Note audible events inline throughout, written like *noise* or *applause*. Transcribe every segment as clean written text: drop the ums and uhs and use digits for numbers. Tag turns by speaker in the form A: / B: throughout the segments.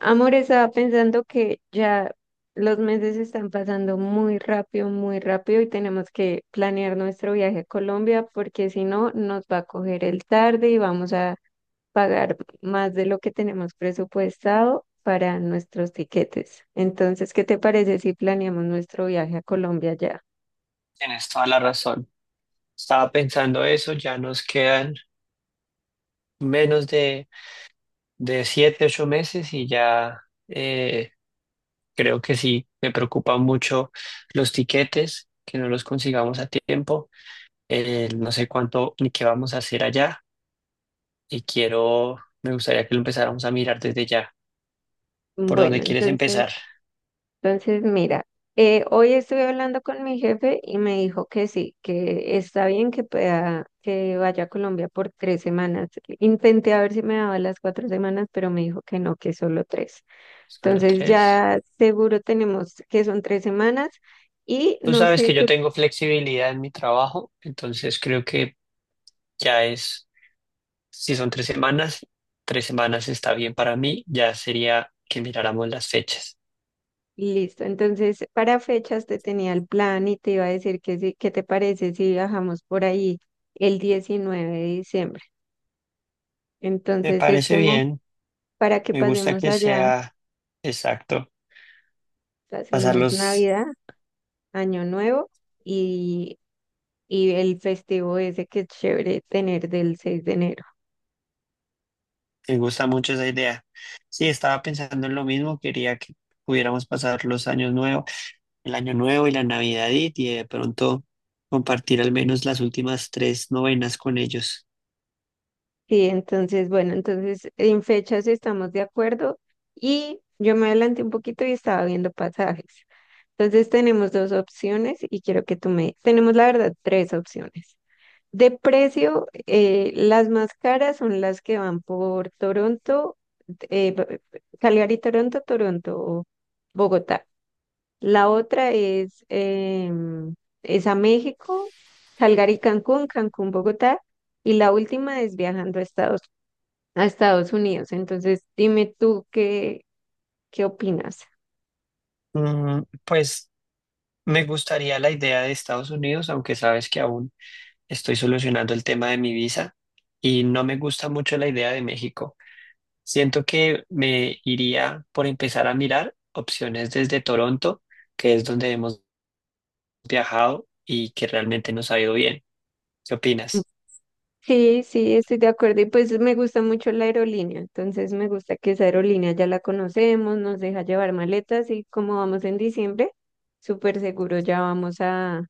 A: Amor, estaba pensando que ya los meses están pasando muy rápido y tenemos que planear nuestro viaje a Colombia porque si no nos va a coger el tarde y vamos a pagar más de lo que tenemos presupuestado para nuestros tiquetes. Entonces, ¿qué te parece si planeamos nuestro viaje a Colombia ya?
B: Tienes toda la razón. Estaba pensando eso, ya nos quedan menos de 7, 8 meses y ya eh, creo que sí, me preocupan mucho los tiquetes, que no los consigamos a tiempo. No sé cuánto ni qué vamos a hacer allá y quiero, me gustaría que lo empezáramos a mirar desde ya. ¿Por dónde
A: Bueno,
B: quieres
A: entonces.
B: empezar?
A: Entonces, mira, hoy estuve hablando con mi jefe y me dijo que sí, que está bien que pueda, que vaya a Colombia por 3 semanas. Intenté a ver si me daba las 4 semanas, pero me dijo que no, que solo tres.
B: Solo
A: Entonces
B: tres.
A: ya seguro tenemos que son 3 semanas y
B: Tú
A: no
B: sabes que
A: sé
B: yo
A: tú.
B: tengo flexibilidad en mi trabajo, entonces creo que ya es. Si son 3 semanas, 3 semanas está bien para mí. Ya sería que miráramos las fechas.
A: Listo, entonces para fechas te tenía el plan y te iba a decir que sí, ¿qué te parece si viajamos por ahí el 19 de diciembre?
B: Me
A: Entonces es
B: parece
A: como
B: bien.
A: para que
B: Me gusta
A: pasemos
B: que
A: allá.
B: sea exacto.
A: Hacemos
B: Pasarlos,
A: Navidad, Año Nuevo y, y el festivo ese que es chévere tener del 6 de enero.
B: me gusta mucho esa idea. Sí, estaba pensando en lo mismo. Quería que pudiéramos pasar los años nuevos, el año nuevo y la Navidad y de pronto compartir al menos las últimas tres novenas con ellos.
A: Sí, entonces, bueno, entonces en fechas estamos de acuerdo y yo me adelanté un poquito y estaba viendo pasajes. Entonces tenemos dos opciones y quiero que tú me. Tenemos la verdad tres opciones. De precio, las más caras son las que van por Toronto, eh, Calgary, Toronto, Toronto, Bogotá. La otra es, es a México, Calgary, Cancún, Cancún, Bogotá. Y la última es viajando a Estados Unidos. Entonces, dime tú qué opinas.
B: Mm, pues me gustaría la idea de Estados Unidos, aunque sabes que aún estoy solucionando el tema de mi visa y no me gusta mucho la idea de México. Siento que me iría por empezar a mirar opciones desde Toronto, que es donde hemos viajado y que realmente nos ha ido bien. ¿Qué opinas?
A: Sí, sí, estoy de acuerdo. Y pues me gusta mucho la aerolínea. Entonces, me gusta que esa aerolínea ya la conocemos, nos deja llevar maletas y como vamos en diciembre, súper seguro ya vamos a,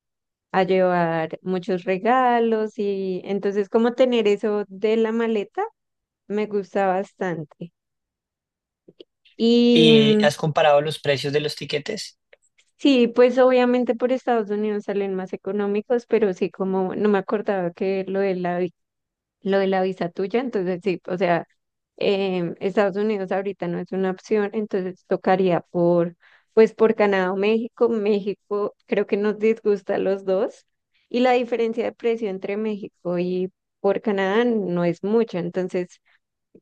A: a llevar muchos regalos. Y entonces, como tener eso de la maleta me gusta bastante. Y
B: ¿Y has comparado los precios de los tiquetes?
A: sí, pues obviamente por Estados Unidos salen más económicos, pero sí, como no me acordaba que lo de la, lo de la visa tuya, entonces sí, o sea, Estados Unidos ahorita no es una opción, entonces tocaría pues por Canadá o México. México creo que nos disgusta a los dos y la diferencia de precio entre México y por Canadá no es mucha, entonces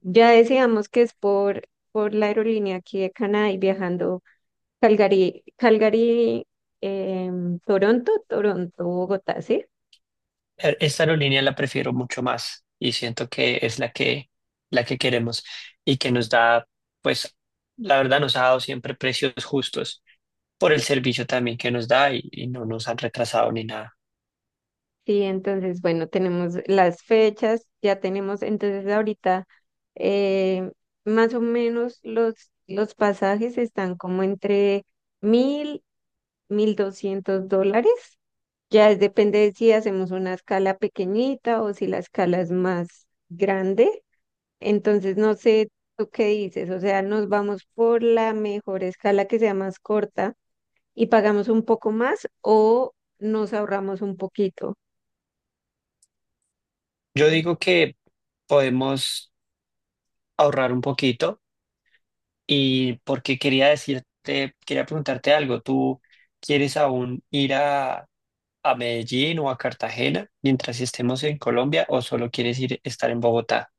A: ya decíamos que es por la aerolínea aquí de Canadá y viajando Calgary, Toronto, Toronto, Bogotá, ¿sí?
B: Esta aerolínea la prefiero mucho más y siento que es la que queremos y que nos da, pues, la verdad nos ha dado siempre precios justos, por el servicio también que nos da y no nos han retrasado ni nada.
A: Sí, entonces, bueno, tenemos las fechas, ya tenemos, entonces ahorita eh, más o menos los pasajes están como entre mil, $1.200. Ya depende de si hacemos una escala pequeñita o si la escala es más grande. Entonces, no sé tú qué dices, o sea, nos vamos por la mejor escala que sea más corta y pagamos un poco más o nos ahorramos un poquito.
B: Yo digo que podemos ahorrar un poquito y porque quería preguntarte algo. ¿Tú quieres aún ir a Medellín o a Cartagena mientras estemos en Colombia o solo quieres ir estar en Bogotá?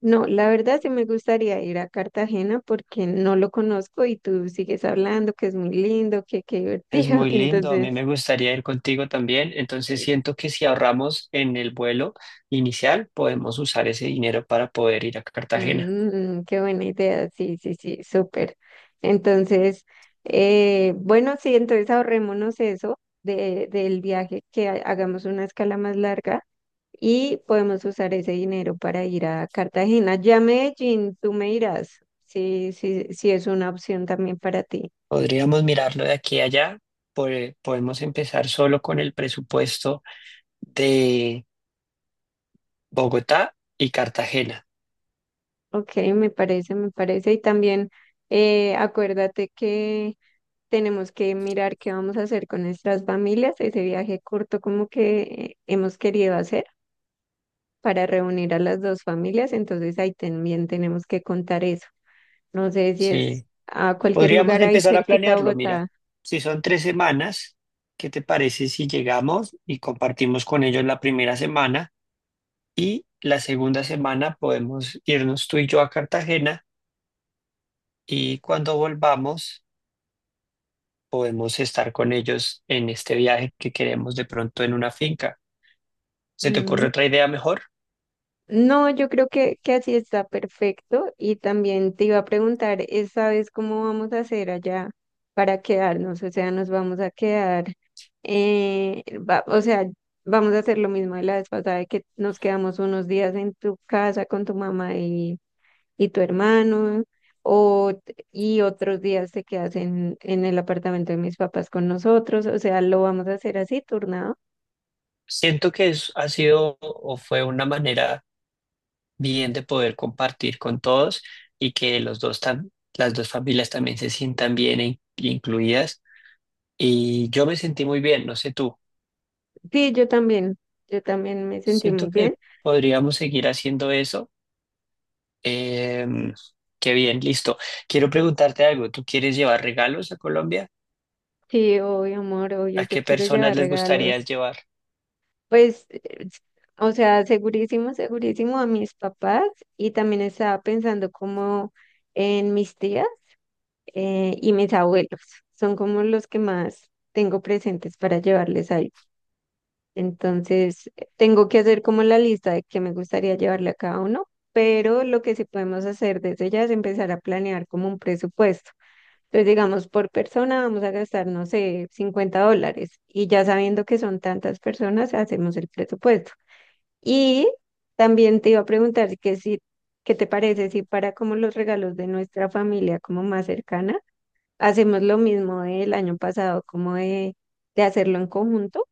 A: No, la verdad sí me gustaría ir a Cartagena porque no lo conozco y tú sigues hablando que es muy lindo, que qué
B: Es
A: divertido. *laughs*
B: muy lindo, a mí
A: Entonces,
B: me gustaría ir contigo también, entonces
A: eh,
B: siento que si ahorramos en el vuelo inicial podemos usar ese dinero para poder ir a Cartagena.
A: qué buena idea. Sí, sí, sí, súper. Entonces, bueno, sí, entonces ahorrémonos eso del viaje, que hagamos una escala más larga y podemos usar ese dinero para ir a Cartagena. Ya Medellín, tú me dirás si es una opción también para ti.
B: Podríamos mirarlo de aquí a allá. Podemos empezar solo con el presupuesto de Bogotá y Cartagena.
A: Ok, me parece, me parece. Y también acuérdate que tenemos que mirar qué vamos a hacer con nuestras familias, ese viaje corto como que hemos querido hacer para reunir a las dos familias, entonces ahí también tenemos que contar eso. No sé si es
B: Sí.
A: a cualquier
B: Podríamos
A: lugar ahí
B: empezar a
A: cerquita a
B: planearlo,
A: Bogotá.
B: mira. Si son tres semanas, ¿qué te parece si llegamos y compartimos con ellos la primera semana? Y la segunda semana podemos irnos tú y yo a Cartagena y cuando volvamos podemos estar con ellos en este viaje que queremos de pronto en una finca. ¿Se te
A: mm,
B: ocurre otra idea mejor?
A: No, yo creo que así está perfecto. Y también te iba a preguntar, ¿esta vez cómo vamos a hacer allá para quedarnos? O sea, nos vamos a quedar, o sea, vamos a hacer lo mismo de la vez pasada, de que nos quedamos unos días en tu casa con tu mamá y tu hermano, o, y otros días te quedas en el apartamento de mis papás con nosotros. O sea, lo vamos a hacer así, turnado.
B: Siento que ha sido o fue una manera bien de poder compartir con todos y que las dos familias también se sientan bien incluidas. Y yo me sentí muy bien, no sé tú.
A: Sí, yo también me sentí muy
B: Siento
A: bien.
B: que podríamos seguir haciendo eso. Em, Qué bien, listo. Quiero preguntarte algo. ¿Tú quieres llevar regalos a Colombia?
A: Sí, obvio, amor, obvio,
B: ¿A
A: yo
B: qué
A: quiero
B: personas
A: llevar
B: les gustaría
A: regalos.
B: llevar?
A: Pues, o sea, segurísimo, segurísimo a mis papás y también estaba pensando como en mis tías y mis abuelos. Son como los que más tengo presentes para llevarles algo. Entonces, tengo que hacer como la lista de que me gustaría llevarle a cada uno, pero lo que sí podemos hacer desde ya es empezar a planear como un presupuesto. Entonces, digamos, por persona vamos a gastar, no sé, $50 y ya sabiendo que son tantas personas, hacemos el presupuesto. Y también te iba a preguntar que si, ¿qué te parece si para como los regalos de nuestra familia como más cercana, hacemos lo mismo del año pasado, como de hacerlo en conjunto?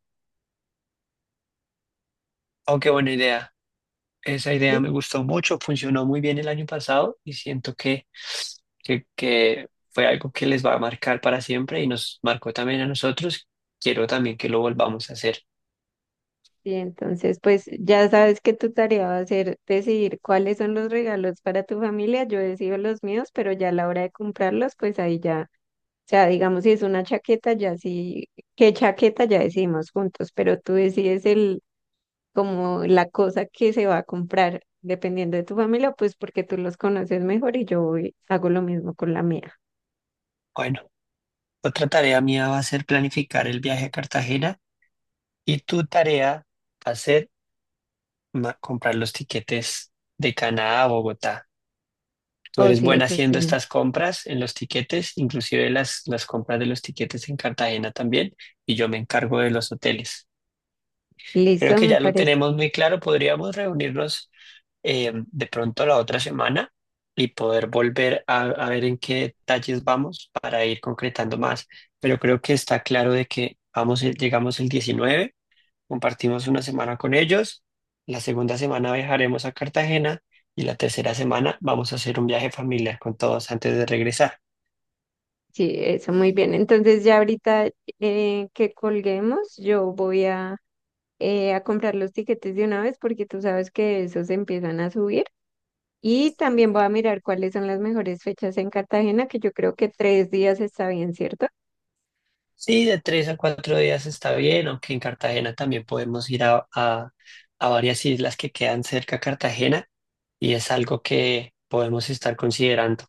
B: Oh, qué buena idea. Esa idea me
A: ¿Sí?
B: gustó mucho, funcionó muy bien el año pasado y siento que fue algo que les va a marcar para siempre y nos marcó también a nosotros. Quiero también que lo volvamos a hacer.
A: Y entonces, pues ya sabes que tu tarea va a ser decidir cuáles son los regalos para tu familia. Yo decido los míos, pero ya a la hora de comprarlos, pues ahí ya. O sea, digamos, si es una chaqueta, ya sí, qué chaqueta ya decimos juntos, pero tú decides el, como la cosa que se va a comprar, dependiendo de tu familia, pues porque tú los conoces mejor y yo hago lo mismo con la mía.
B: Bueno, otra tarea mía va a ser planificar el viaje a Cartagena y tu tarea va a ser comprar los tiquetes de Canadá a Bogotá. Tú
A: Oh,
B: eres
A: sí,
B: buena
A: es
B: haciendo
A: así.
B: estas compras en los tiquetes, inclusive las compras de los tiquetes en Cartagena también, y yo me encargo de los hoteles. Creo
A: Listo,
B: que
A: me
B: ya lo
A: parece.
B: tenemos muy claro. Podríamos reunirnos de pronto la otra semana y poder volver a ver en qué detalles vamos para ir concretando más. Pero creo que está claro de que vamos, llegamos el 19, compartimos una semana con ellos, la segunda semana viajaremos a Cartagena y la tercera semana vamos a hacer un viaje familiar con todos antes de regresar.
A: Sí, eso muy bien. Entonces ya ahorita que colguemos, yo voy a comprar los tiquetes de una vez porque tú sabes que esos empiezan a subir. Y también voy a mirar cuáles son las mejores fechas en Cartagena, que yo creo que 3 días está bien, ¿cierto?
B: Sí, de 3 a 4 días está bien, aunque en Cartagena también podemos ir a varias islas que quedan cerca a Cartagena y es algo que podemos estar considerando.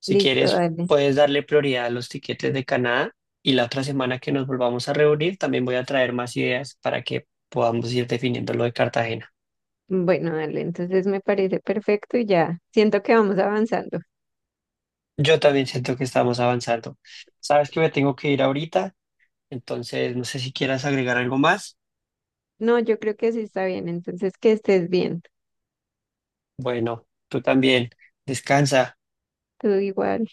B: Si
A: Listo,
B: quieres,
A: dale.
B: puedes darle prioridad a los tiquetes de Canadá y la otra semana que nos volvamos a reunir también voy a traer más ideas para que podamos ir definiendo lo de Cartagena.
A: Bueno, dale, entonces me parece perfecto y ya siento que vamos avanzando.
B: Yo también siento que estamos avanzando. Sabes que me tengo que ir ahorita, entonces no sé si quieras agregar algo más.
A: No, yo creo que sí está bien, entonces que estés bien.
B: Bueno, tú también. Descansa.
A: Tú igual.